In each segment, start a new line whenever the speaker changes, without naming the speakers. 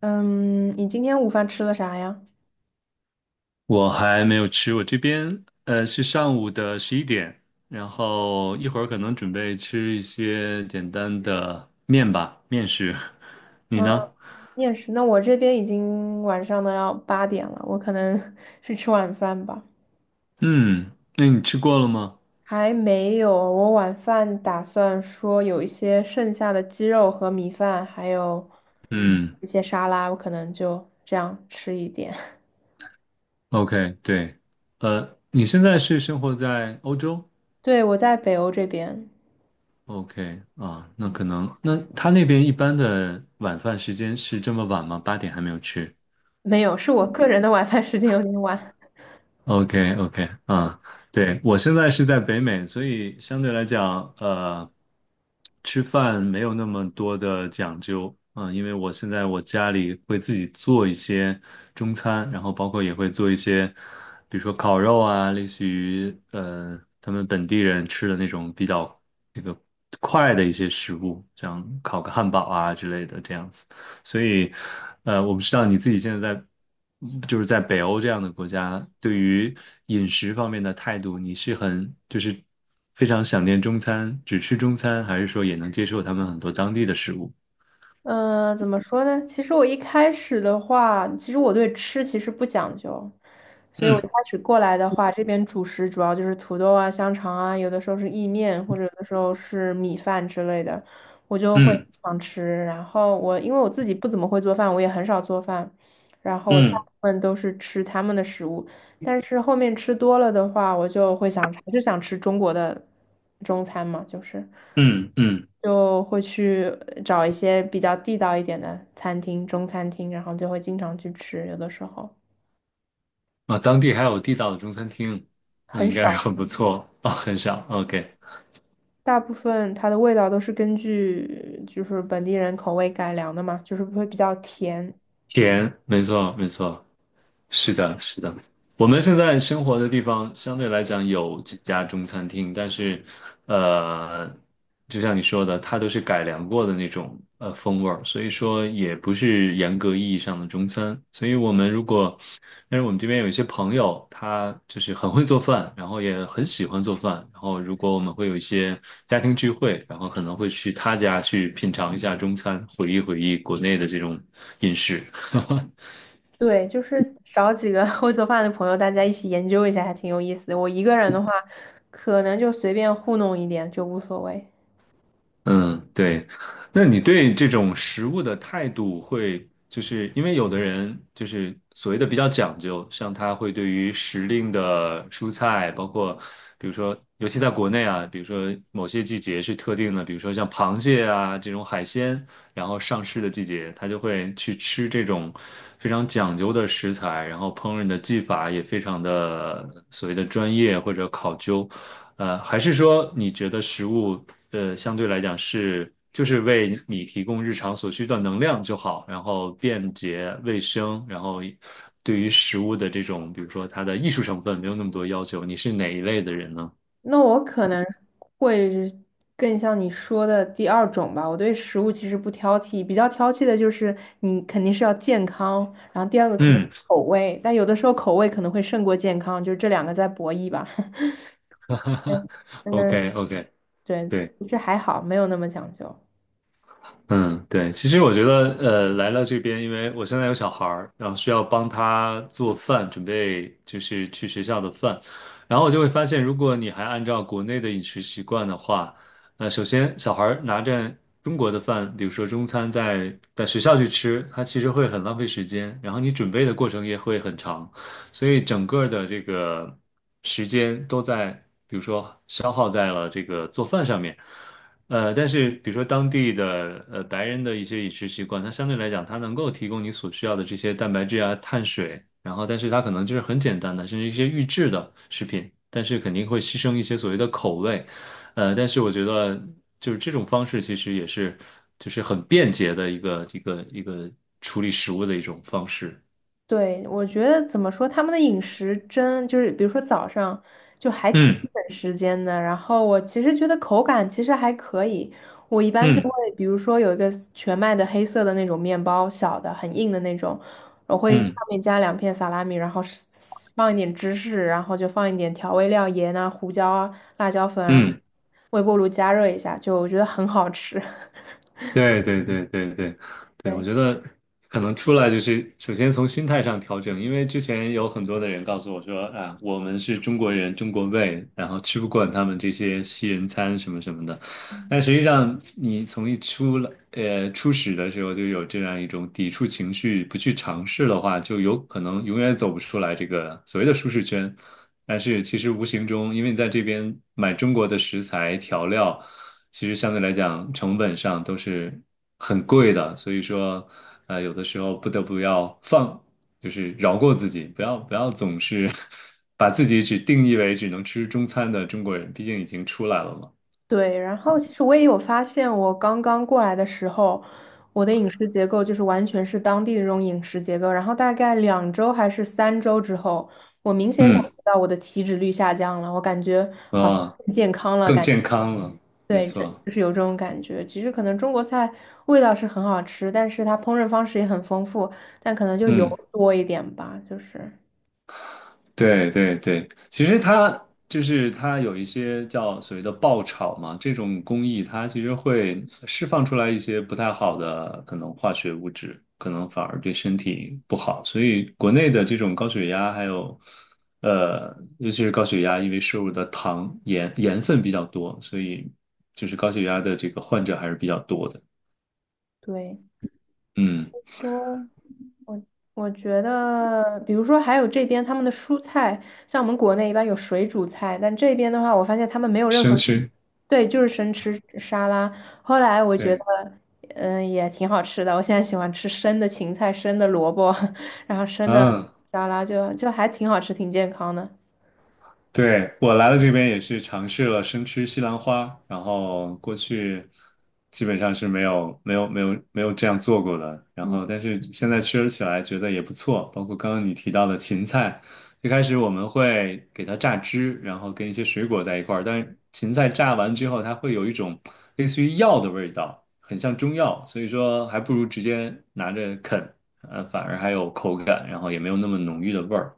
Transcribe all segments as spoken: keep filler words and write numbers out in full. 嗯，你今天午饭吃了啥呀？
我还没有吃，我这边呃是上午的十一点，然后一会儿可能准备吃一些简单的面吧，面食。你
嗯，
呢？
面食。那我这边已经晚上的要八点了，我可能 去吃晚饭吧。
嗯，那你吃过了吗？
还没有，我晚饭打算说有一些剩下的鸡肉和米饭，还有
嗯
一些沙拉，我可能就这样吃一点。
，OK，对，呃，你现在是生活在欧洲
对，我在北欧这边，
？OK，啊，那可能，那他那边一般的晚饭时间是这么晚吗？八点还没有吃？
没有，是我个人的晚饭时间有点晚。
OK OK 啊，对，我现在是在北美，所以相对来讲，呃，吃饭没有那么多的讲究啊，因为我现在我家里会自己做一些中餐，然后包括也会做一些，比如说烤肉啊，类似于呃他们本地人吃的那种比较这个快的一些食物，像烤个汉堡啊之类的这样子。所以，呃，我不知道你自己现在在，嗯就是在北欧这样的国家，对于饮食方面的态度，你是很就是非常想念中餐，只吃中餐，还是说也能接受他们很多当地的食物？
嗯，呃怎么说呢？其实我一开始的话，其实我对吃其实不讲究，所以我一
嗯
开始过来的话，这边主食主要就是土豆啊、香肠啊，有的时候是意面，或者有的时候是米饭之类的，我就会
嗯
想吃。然后我因为我自己不怎么会做饭，我也很少做饭，然后我大
嗯
部分都是吃他们的食物。但是后面吃多了的话，我就会想还是想吃中国的中餐嘛，就是
嗯嗯，
就会去找一些比较地道一点的餐厅，中餐厅，然后就会经常去吃，有的时候
啊，当地还有地道的中餐厅，那
很
应该是
少，
很不错哦，很少。OK，
大部分它的味道都是根据就是本地人口味改良的嘛，就是会比较甜。
甜，没错，没错，是的，是的。我们现在生活的地方相对来讲有几家中餐厅，但是，呃，就像你说的，它都是改良过的那种呃风味儿，所以说也不是严格意义上的中餐。所以我们如果，但是我们这边有一些朋友，他就是很会做饭，然后也很喜欢做饭，然后如果我们会有一些家庭聚会，然后可能会去他家去品尝一下中餐，回忆回忆国内的这种饮食。
对，就是找几个 会做饭的朋友，大家一起研究一下，还挺有意思的。我一个人的话，可能就随便糊弄一点就无所谓。
嗯，对。那你对这种食物的态度会，就是因为有的人就是所谓的比较讲究，像他会对于时令的蔬菜，包括比如说，尤其在国内啊，比如说某些季节是特定的，比如说像螃蟹啊这种海鲜，然后上市的季节，他就会去吃这种非常讲究的食材，然后烹饪的技法也非常的所谓的专业或者考究。呃，还是说你觉得食物？呃，相对来讲是就是为你提供日常所需的能量就好，然后便捷卫生，然后对于食物的这种，比如说它的艺术成分没有那么多要求。你是哪一类的人呢？
那我可能会是更像你说的第二种吧。我对食物其实不挑剔，比较挑剔的就是你肯定是要健康，然后第二个可能
嗯
口味，但有的时候口味可能会胜过健康，就是这两个在博弈吧。
，OK
嗯，
OK，
对，
对。
其实还好，没有那么讲究。
嗯，对，其实我觉得，呃，来了这边，因为我现在有小孩儿，然后需要帮他做饭，准备就是去学校的饭，然后我就会发现，如果你还按照国内的饮食习惯的话，呃，首先小孩儿拿着中国的饭，比如说中餐在在学校去吃，他其实会很浪费时间，然后你准备的过程也会很长，所以整个的这个时间都在，比如说消耗在了这个做饭上面。呃，但是比如说当地的呃白人的一些饮食习惯，它相对来讲，它能够提供你所需要的这些蛋白质啊、碳水，然后但是它可能就是很简单的，甚至一些预制的食品，但是肯定会牺牲一些所谓的口味。呃，但是我觉得就是这种方式其实也是就是很便捷的一个一个一个处理食物的一种方式。
对，我觉得怎么说，他们的饮食真就是，比如说早上就还挺
嗯
省时间的。然后我其实觉得口感其实还可以，我一般就会，
嗯
比如说有一个全麦的黑色的那种面包，小的很硬的那种，我会上
嗯
面加两片萨拉米，然后是放一点芝士，然后就放一点调味料，盐啊、胡椒啊、辣椒粉，然后
嗯。
微波炉加热一下，就我觉得很好吃。
对对对对对对，我
对。
觉得可能出来就是首先从心态上调整，因为之前有很多的人告诉我说啊，我们是中国人，中国胃，然后吃不惯他们这些西人餐什么什么的。但实际上，你从一出来，呃，初始的时候就有这样一种抵触情绪，不去尝试的话，就有可能永远走不出来这个所谓的舒适圈。但是其实无形中，因为你在这边买中国的食材调料，其实相对来讲成本上都是很贵的，所以说，呃，有的时候不得不要放，就是饶过自己，不要不要总是 把自己只定义为只能吃中餐的中国人，毕竟已经出来了嘛。
对，然后其实我也有发现，我刚刚过来的时候，我的饮食结构就是完全是当地的这种饮食结构。然后大概两周还是三周之后，我明显感
嗯。
觉到我的体脂率下降了，我感觉好像
啊、
更健康了，
更
感
健康了，没
对，这
错，
就是有这种感觉。其实可能中国菜味道是很好吃，但是它烹饪方式也很丰富，但可能就油
嗯，
多一点吧，就是
对对对，其实它就是它有一些叫所谓的爆炒嘛，这种工艺它其实会释放出来一些不太好的可能化学物质，可能反而对身体不好，所以国内的这种高血压还有呃，尤其是高血压，因为摄入的糖盐盐分比较多，所以就是高血压的这个患者还是比较多的，
对。
嗯，
说我觉得，比如说还有这边他们的蔬菜，像我们国内一般有水煮菜，但这边的话，我发现他们没有任
生
何，
吃，
对，就是生吃沙拉。后来我觉得，
对，
嗯，也挺好吃的。我现在喜欢吃生的芹菜、生的萝卜，然后生的
嗯。
沙拉就就还挺好吃，挺健康的。嗯
对，我来了这边也是尝试了生吃西兰花，然后过去基本上是没有没有没有没有这样做过的，然后但是现在吃起来觉得也不错，包括刚刚你提到的芹菜，最开始我们会给它榨汁，然后跟一些水果在一块儿，但是芹菜榨完之后，它会有一种类似于药的味道，很像中药，所以说还不如直接拿着啃，呃，反而还有口感，然后也没有那么浓郁的味儿，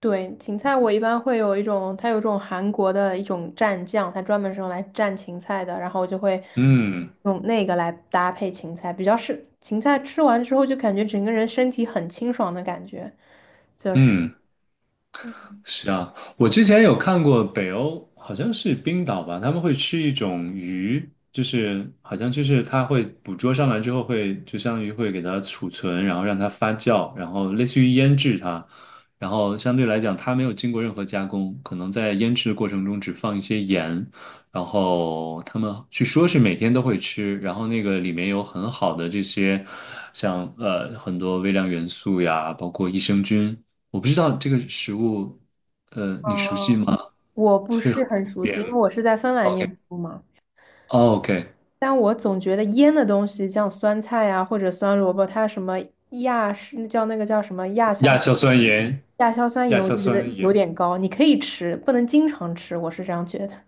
对，芹菜我一般会有一种，它有一种韩国的一种蘸酱，它专门是用来蘸芹菜的，然后我就会
嗯
用那个来搭配芹菜，比较是芹菜吃完之后就感觉整个人身体很清爽的感觉，就是，
嗯。
嗯
是啊，我之前有看过北欧，好像是冰岛吧，他们会吃一种鱼，就是好像就是它会捕捉上来之后会，就相当于会给它储存，然后让它发酵，然后类似于腌制它，然后相对来讲它没有经过任何加工，可能在腌制的过程中只放一些盐，然后他们据说是每天都会吃，然后那个里面有很好的这些，像呃很多微量元素呀，包括益生菌。我不知道这个食物呃，你熟悉
呃
吗？
我不
是
是
很
很
普
熟
遍。
悉，因为我是在芬兰念书嘛，
OK，OK，
但我总觉得腌的东西，像酸菜啊或者酸萝卜，它什么亚是叫那个叫什么亚
亚
硝。
硝酸盐，
亚硝酸盐
亚
我
硝
就觉得
酸
有
盐。
点高，你可以吃，不能经常吃，我是这样觉得。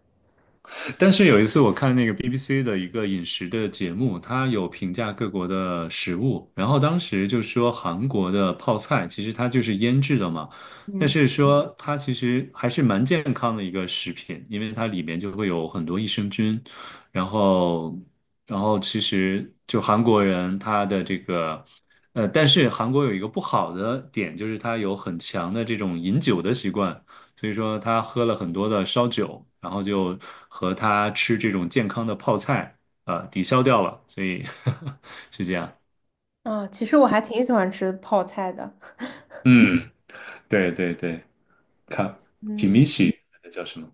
但是有一次我看那个 B B C 的一个饮食的节目，它有评价各国的食物，然后当时就说韩国的泡菜其实它就是腌制的嘛，但
嗯
是说它其实还是蛮健康的一个食品，因为它里面就会有很多益生菌，然后然后其实就韩国人他的这个。呃，但是韩国有一个不好的点，就是它有很强的这种饮酒的习惯，所以说他喝了很多的烧酒，然后就和他吃这种健康的泡菜，呃，抵消掉了，所以 是这样。
啊，其实我还挺喜欢吃泡菜的，
嗯，对对对，看
嗯
kimchi 那叫什么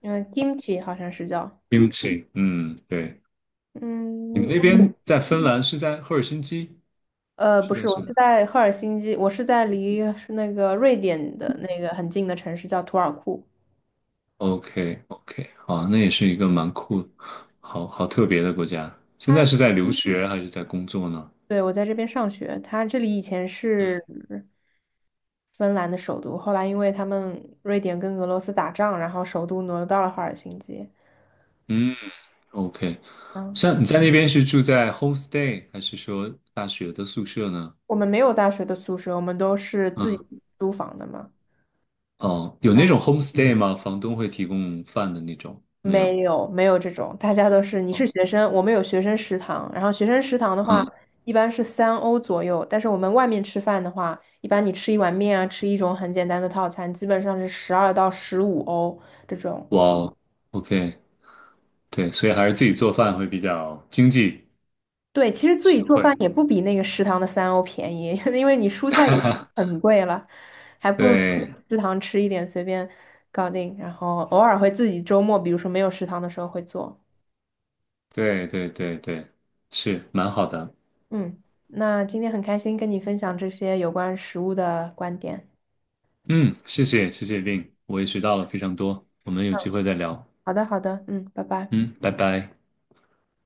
嗯，kimchi 好像是叫，
？kimchi，嗯，对。你们
嗯，
那边在芬兰是在赫尔辛基，
呃，不
是
是，
在
我
什么
是在赫尔辛基，我是在离是那个瑞典的那个很近的城市叫图尔库，
？OK OK，好，那也是一个蛮酷，好好特别的国家。现在
它，
是在留学还是在工作呢？
对，我在这边上学，它这里以前是芬兰的首都，后来因为他们瑞典跟俄罗斯打仗，然后首都挪到了赫尔辛基。
嗯。OK，
嗯。
像你在那边是住在 homestay 还是说大学的宿舍呢？
我们没有大学的宿舍，我们都是自己
嗯，
租房的嘛。
哦，有
然
那
后
种 homestay 吗？房东会提供饭的那种？没
没
有。
有没有这种，大家都是你是
嗯
学生，我们有学生食堂。然后学生食堂的话，
嗯，
一般是三欧左右，但是我们外面吃饭的话，一般你吃一碗面啊，吃一种很简单的套餐，基本上是十二到十五欧这种。
哇哦，OK，对，所以还是自己做饭会比较经济
对，其实自己
实
做饭
惠。
也不比那个食堂的三欧便宜，因为你蔬菜也很贵了，还不如说
对，
食堂吃一点，随便搞定。然后偶尔会自己周末，比如说没有食堂的时候会做。
对，对，对，对，是蛮好的。
嗯，那今天很开心跟你分享这些有关食物的观点。
嗯，谢谢，谢谢 Vin，我也学到了非常多。我们有机会再聊。
好的，好的，嗯，拜拜。
嗯，拜拜。